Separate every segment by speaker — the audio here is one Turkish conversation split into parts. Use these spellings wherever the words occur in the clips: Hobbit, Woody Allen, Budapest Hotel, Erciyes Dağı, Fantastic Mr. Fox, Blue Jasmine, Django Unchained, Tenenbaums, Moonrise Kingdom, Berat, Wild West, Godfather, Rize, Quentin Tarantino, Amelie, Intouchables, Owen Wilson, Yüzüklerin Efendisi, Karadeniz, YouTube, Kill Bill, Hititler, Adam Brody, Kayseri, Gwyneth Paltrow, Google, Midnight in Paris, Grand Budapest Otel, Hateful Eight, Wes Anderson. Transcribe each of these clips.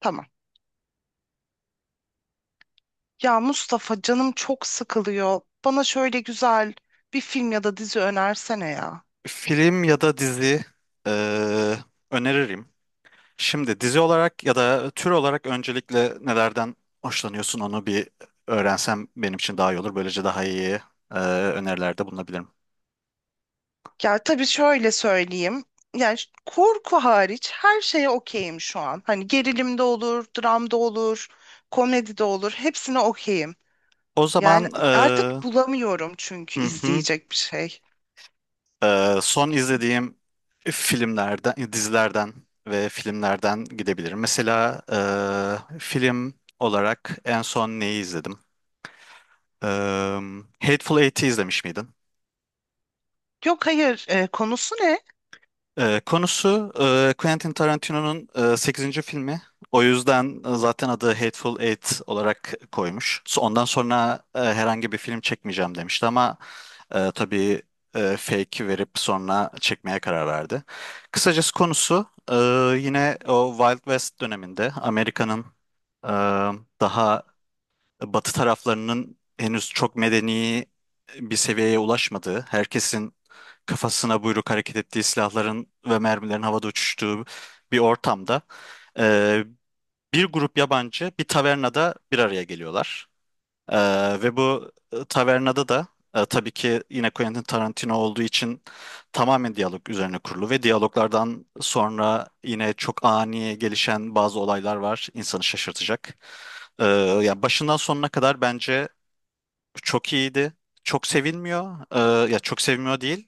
Speaker 1: Tamam. Ya Mustafa canım çok sıkılıyor. Bana şöyle güzel bir film ya da dizi önersene ya.
Speaker 2: Film ya da dizi eee, öneririm. Şimdi dizi olarak ya da tür olarak öncelikle nelerden hoşlanıyorsun onu bir öğrensem benim için daha iyi olur. Böylece daha iyi eee, önerilerde bulunabilirim.
Speaker 1: Ya tabii şöyle söyleyeyim. Yani korku hariç her şeye okeyim şu an. Hani gerilim de olur, dram da olur, komedi de olur. Hepsine okeyim.
Speaker 2: O
Speaker 1: Yani
Speaker 2: zaman
Speaker 1: artık bulamıyorum çünkü
Speaker 2: hı hı,
Speaker 1: izleyecek bir şey.
Speaker 2: son izlediğim filmlerden, dizilerden ve filmlerden gidebilirim. Mesela film olarak en son neyi izledim? Eee Hateful Eight'i izlemiş miydin?
Speaker 1: Yok hayır, konusu ne?
Speaker 2: Konusu Quentin Tarantino'nun 8. filmi. O yüzden zaten adı Hateful Eight olarak koymuş. Ondan sonra herhangi bir film çekmeyeceğim demişti ama tabii fake verip sonra çekmeye karar verdi. Kısacası konusu, yine o Wild West döneminde Amerika'nın e, daha Batı taraflarının henüz çok medeni bir seviyeye ulaşmadığı, herkesin kafasına buyruk hareket ettiği, silahların ve mermilerin havada uçuştuğu bir ortamda e, bir grup yabancı bir tavernada bir araya geliyorlar. Ve bu tavernada da tabii ki yine Quentin Tarantino olduğu için tamamen diyalog üzerine kurulu ve diyaloglardan sonra yine çok ani gelişen bazı olaylar var, insanı şaşırtacak. Ee, Ya başından sonuna kadar bence çok iyiydi. Çok sevilmiyor. Ya çok sevilmiyor değil.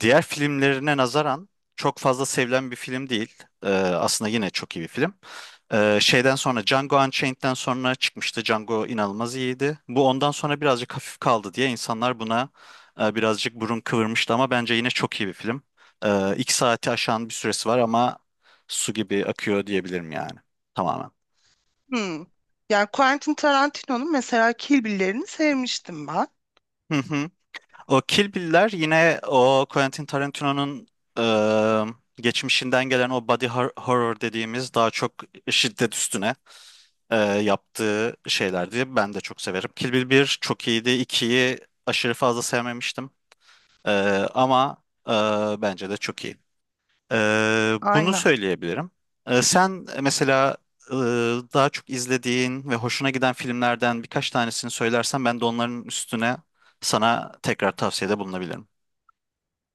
Speaker 2: Diğer filmlerine nazaran çok fazla sevilen bir film değil. Aslında yine çok iyi bir film. Şeyden sonra Django Unchained'den sonra çıkmıştı. Django inanılmaz iyiydi. Bu ondan sonra birazcık hafif kaldı diye insanlar buna birazcık burun kıvırmıştı ama bence yine çok iyi bir film. İki saati aşan bir süresi var ama su gibi akıyor diyebilirim yani. Tamamen.
Speaker 1: Hmm. Yani Quentin Tarantino'nun mesela Kill Bill'lerini sevmiştim ben.
Speaker 2: Hı hı. O Kill Bill'ler yine o Quentin Tarantino'nun geçmişinden gelen o body horror dediğimiz daha çok şiddet üstüne yaptığı şeylerdi. Ben de çok severim. Kill Bill 1 çok iyiydi. İkiyi aşırı fazla sevmemiştim. E, Ama bence de çok iyi. E, Bunu
Speaker 1: Aynen.
Speaker 2: söyleyebilirim. Sen mesela e, daha çok izlediğin ve hoşuna giden filmlerden birkaç tanesini söylersen ben de onların üstüne sana tekrar tavsiyede bulunabilirim.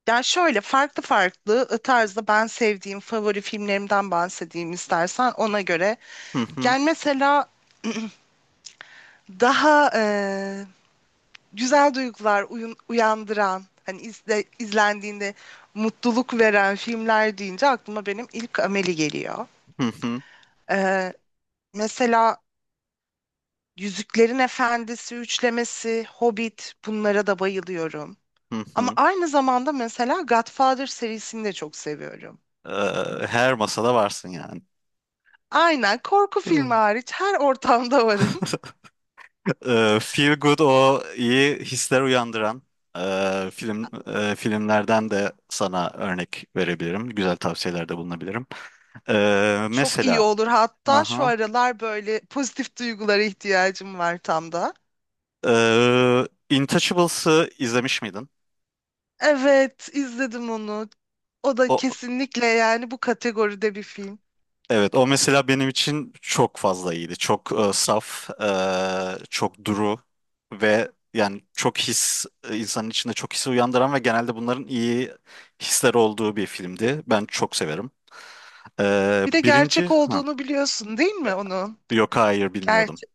Speaker 1: Ya şöyle farklı farklı tarzda ben sevdiğim favori filmlerimden bahsedeyim istersen ona göre.
Speaker 2: Hı hı,
Speaker 1: Gel mesela daha güzel duygular uyandıran hani izlendiğinde mutluluk veren filmler deyince aklıma benim ilk Amelie geliyor.
Speaker 2: hı hı,
Speaker 1: E, mesela Yüzüklerin Efendisi üçlemesi, Hobbit bunlara da bayılıyorum.
Speaker 2: hı
Speaker 1: Ama
Speaker 2: hı.
Speaker 1: aynı zamanda mesela Godfather serisini de çok seviyorum.
Speaker 2: Her masada varsın yani.
Speaker 1: Aynen korku filmi
Speaker 2: Hı.
Speaker 1: hariç her ortamda varım.
Speaker 2: Feel Good, o iyi hisler uyandıran filmlerden de sana örnek verebilirim. Güzel tavsiyelerde bulunabilirim.
Speaker 1: Çok iyi
Speaker 2: Mesela
Speaker 1: olur. Hatta şu
Speaker 2: aha,
Speaker 1: aralar böyle pozitif duygulara ihtiyacım var tam da.
Speaker 2: ee, Intouchables'ı izlemiş miydin?
Speaker 1: Evet, izledim onu. O da
Speaker 2: O
Speaker 1: kesinlikle yani bu kategoride bir film.
Speaker 2: evet, o mesela benim için çok fazla iyiydi. Çok saf, çok duru ve yani çok his, insanın içinde çok his uyandıran ve genelde bunların iyi hisler olduğu bir filmdi. Ben çok severim.
Speaker 1: Bir de
Speaker 2: Birinci,
Speaker 1: gerçek
Speaker 2: ha,
Speaker 1: olduğunu biliyorsun değil mi onun?
Speaker 2: yok hayır, bilmiyordum.
Speaker 1: Gerçek.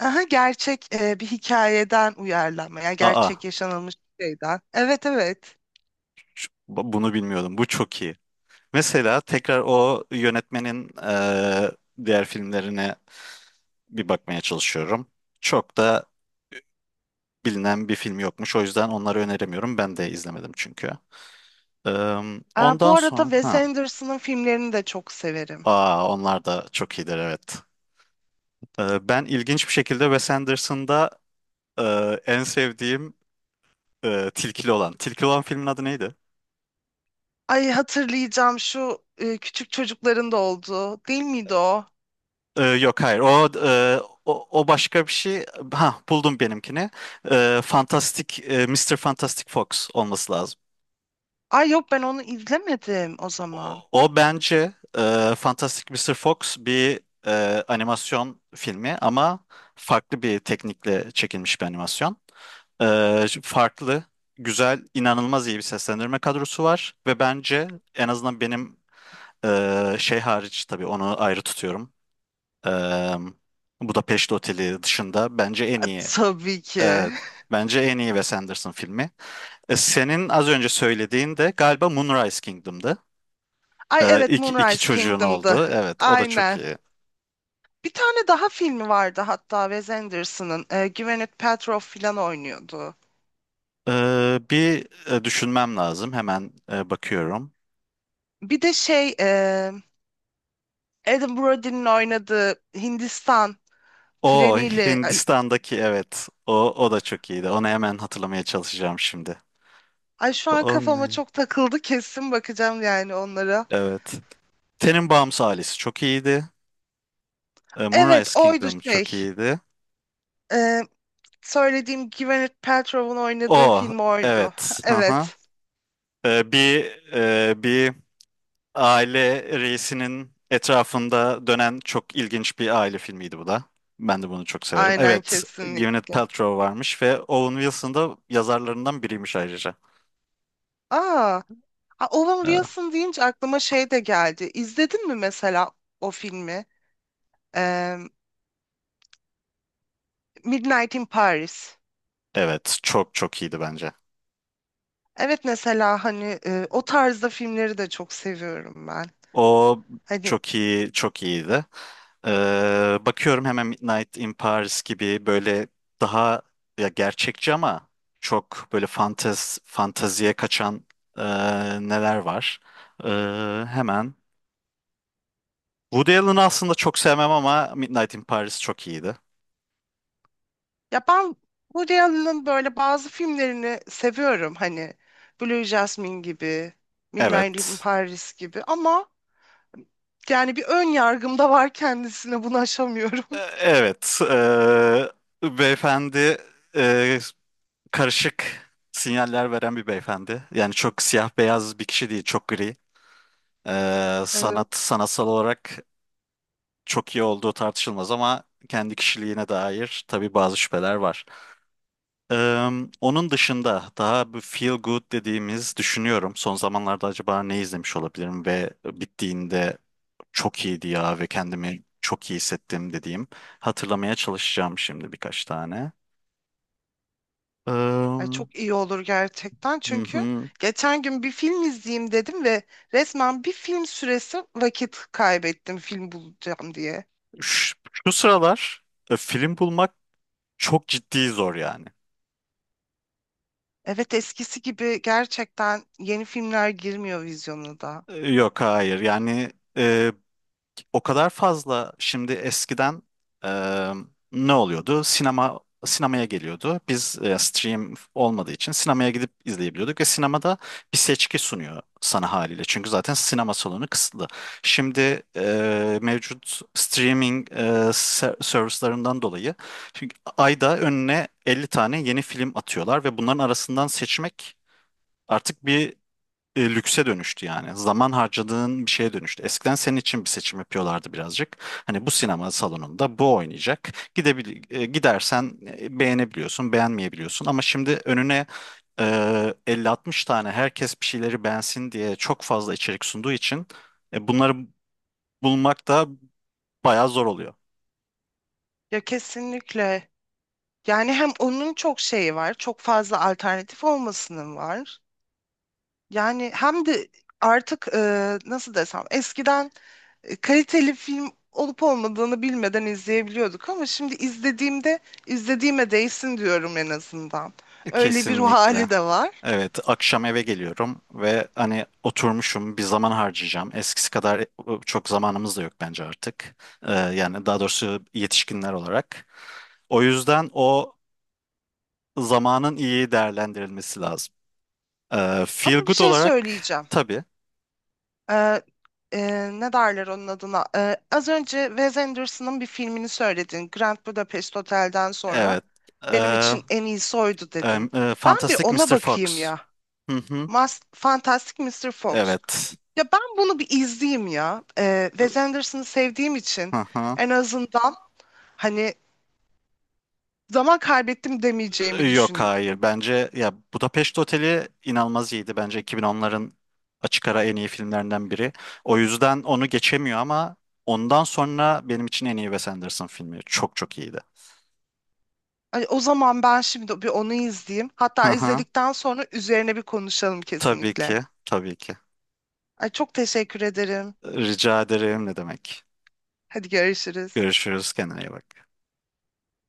Speaker 1: Aha, gerçek bir hikayeden uyarlanma. Yani gerçek
Speaker 2: Aa,
Speaker 1: yaşanılmış bir şeyden. Evet, evet.
Speaker 2: bunu bilmiyordum. Bu çok iyi. Mesela tekrar o yönetmenin diğer filmlerine bir bakmaya çalışıyorum. Çok da bilinen bir film yokmuş. O yüzden onları öneremiyorum. Ben de izlemedim çünkü. Eee,
Speaker 1: Aa,
Speaker 2: Ondan
Speaker 1: bu arada
Speaker 2: sonra
Speaker 1: Wes
Speaker 2: ha.
Speaker 1: Anderson'ın filmlerini de çok severim.
Speaker 2: Aa, onlar da çok iyidir, evet. Ben ilginç bir şekilde Wes Anderson'da en sevdiğim Tilkili olan. Tilkili olan filmin adı neydi?
Speaker 1: Ay hatırlayacağım şu küçük çocukların da olduğu değil miydi o?
Speaker 2: Yok hayır. O, o başka bir şey. Ha, buldum benimkini. Eee Fantastic eee, Mr. Fantastic Fox olması lazım.
Speaker 1: Ay yok ben onu izlemedim o
Speaker 2: O,
Speaker 1: zaman.
Speaker 2: o bence Fantastic Mister Fox bir animasyon filmi ama farklı bir teknikle çekilmiş bir animasyon. Farklı, güzel, inanılmaz iyi bir seslendirme kadrosu var ve bence, en azından benim, şey hariç, tabii onu ayrı tutuyorum. Ee, Budapeşte Oteli dışında bence en
Speaker 1: A,
Speaker 2: iyi,
Speaker 1: tabii ki.
Speaker 2: evet, bence en iyi Wes Anderson filmi. Senin az önce söylediğin de galiba Moonrise Kingdom'dı.
Speaker 1: Ay evet
Speaker 2: İki
Speaker 1: Moonrise
Speaker 2: çocuğun
Speaker 1: Kingdom'da.
Speaker 2: oldu. Evet, o da çok
Speaker 1: Aynen.
Speaker 2: iyi.
Speaker 1: Bir tane daha filmi vardı hatta Wes Anderson'ın. E, Gwyneth Paltrow falan oynuyordu.
Speaker 2: Ee, bir düşünmem lazım. Hemen bakıyorum.
Speaker 1: Bir de Adam Brody'nin oynadığı Hindistan
Speaker 2: O
Speaker 1: treniyle. Ay
Speaker 2: Hindistan'daki, evet. O da çok iyiydi. Onu hemen hatırlamaya çalışacağım şimdi.
Speaker 1: ay, şu an kafama
Speaker 2: Onun,
Speaker 1: çok takıldı kesin bakacağım yani onlara.
Speaker 2: evet. Tenenbaums ailesi çok iyiydi.
Speaker 1: Evet
Speaker 2: Moonrise
Speaker 1: oydu
Speaker 2: Kingdom
Speaker 1: şey.
Speaker 2: çok iyiydi.
Speaker 1: E, söylediğim Gwyneth Paltrow'un oynadığı
Speaker 2: O
Speaker 1: film oydu.
Speaker 2: evet. Aha.
Speaker 1: Evet,
Speaker 2: E, bir bir aile reisinin etrafında dönen çok ilginç bir aile filmiydi bu da. Ben de bunu çok severim.
Speaker 1: aynen
Speaker 2: Evet, Gwyneth
Speaker 1: kesinlikle.
Speaker 2: Paltrow varmış ve Owen Wilson da yazarlarından biriymiş ayrıca.
Speaker 1: Aa, Owen
Speaker 2: Evet.
Speaker 1: Wilson deyince aklıma şey de geldi. İzledin mi mesela o filmi? Ee, Midnight in Paris.
Speaker 2: Evet, çok çok iyiydi bence.
Speaker 1: Evet mesela hani o tarzda filmleri de çok seviyorum ben.
Speaker 2: O
Speaker 1: Hani
Speaker 2: çok iyi, çok iyiydi. Bakıyorum hemen. Midnight in Paris gibi böyle daha, ya gerçekçi ama çok böyle fanteziye kaçan e, neler var. Hemen. Woody Allen'ı aslında çok sevmem ama Midnight in Paris çok iyiydi.
Speaker 1: ya ben Woody Allen'ın böyle bazı filmlerini seviyorum. Hani Blue Jasmine gibi, Midnight in
Speaker 2: Evet.
Speaker 1: Paris gibi ama yani bir ön yargım da var kendisine bunu aşamıyorum.
Speaker 2: Evet, beyefendi e, karışık sinyaller veren bir beyefendi. Yani çok siyah beyaz bir kişi değil, çok gri.
Speaker 1: Evet.
Speaker 2: Sanatsal olarak çok iyi olduğu tartışılmaz ama kendi kişiliğine dair tabii bazı şüpheler var. Eee, Onun dışında daha bu feel good dediğimiz, düşünüyorum. Son zamanlarda acaba ne izlemiş olabilirim ve bittiğinde çok iyiydi ya ve kendimi çok iyi hissettim dediğim. Hatırlamaya çalışacağım şimdi birkaç tane.
Speaker 1: Ay,
Speaker 2: Hı
Speaker 1: çok iyi olur gerçekten çünkü
Speaker 2: hı.
Speaker 1: geçen gün bir film izleyeyim dedim ve resmen bir film süresi vakit kaybettim film bulacağım diye.
Speaker 2: Şu, Şu sıralar film bulmak çok ciddi zor yani.
Speaker 1: Evet eskisi gibi gerçekten yeni filmler girmiyor vizyona da.
Speaker 2: Yok hayır yani, o kadar fazla, şimdi eskiden e, ne oluyordu? Sinemaya geliyordu. Biz stream olmadığı için sinemaya gidip izleyebiliyorduk ve sinemada bir seçki sunuyor sana haliyle. Çünkü zaten sinema salonu kısıtlı. Şimdi mevcut streaming servislarından dolayı, çünkü ayda önüne 50 tane yeni film atıyorlar ve bunların arasından seçmek artık bir lükse dönüştü yani. Zaman harcadığın bir şeye dönüştü. Eskiden senin için bir seçim yapıyorlardı birazcık. Hani bu sinema salonunda bu oynayacak. Gidersen beğenebiliyorsun, beğenmeyebiliyorsun. Ama şimdi önüne 50-60 tane, herkes bir şeyleri beğensin diye çok fazla içerik sunduğu için bunları bulmak da bayağı zor oluyor.
Speaker 1: Ya kesinlikle. Yani hem onun çok şeyi var, çok fazla alternatif olmasının var. Yani hem de artık nasıl desem eskiden kaliteli film olup olmadığını bilmeden izleyebiliyorduk ama şimdi izlediğimde izlediğime değsin diyorum en azından. Öyle bir ruh
Speaker 2: Kesinlikle.
Speaker 1: hali de var.
Speaker 2: Evet, akşam eve geliyorum ve hani oturmuşum, bir zaman harcayacağım. Eskisi kadar çok zamanımız da yok bence artık. Yani daha doğrusu yetişkinler olarak. O yüzden o zamanın iyi değerlendirilmesi lazım. Feel
Speaker 1: Ama bir
Speaker 2: good
Speaker 1: şey
Speaker 2: olarak
Speaker 1: söyleyeceğim.
Speaker 2: tabii.
Speaker 1: E, ne derler onun adına? E, az önce Wes Anderson'ın bir filmini söyledin. Grand Budapest Otel'den sonra.
Speaker 2: Evet.
Speaker 1: Benim
Speaker 2: Ee,
Speaker 1: için en iyisi oydu dedin.
Speaker 2: e,
Speaker 1: Ben bir
Speaker 2: Fantastic
Speaker 1: ona
Speaker 2: Mr.
Speaker 1: bakayım
Speaker 2: Fox.
Speaker 1: ya.
Speaker 2: Hı hı.
Speaker 1: Mas Fantastic Mr. Fox.
Speaker 2: Evet.
Speaker 1: Ya ben bunu bir izleyeyim ya. Wes Anderson'ı sevdiğim için
Speaker 2: Hı hı.
Speaker 1: en azından hani zaman kaybettim demeyeceğimi
Speaker 2: Yok hayır.
Speaker 1: düşünüyorum.
Speaker 2: Bence ya Budapest Oteli inanılmaz iyiydi. Bence 2010'ların açık ara en iyi filmlerinden biri. O yüzden onu geçemiyor ama ondan sonra benim için en iyi Wes Anderson filmi. Çok çok iyiydi.
Speaker 1: Hani o zaman ben şimdi bir onu izleyeyim.
Speaker 2: Hı
Speaker 1: Hatta
Speaker 2: hı.
Speaker 1: izledikten sonra üzerine bir konuşalım
Speaker 2: Tabii
Speaker 1: kesinlikle.
Speaker 2: ki. Tabii ki.
Speaker 1: Ay çok teşekkür ederim.
Speaker 2: Rica ederim, ne demek.
Speaker 1: Hadi görüşürüz.
Speaker 2: Görüşürüz. Kendine iyi bak.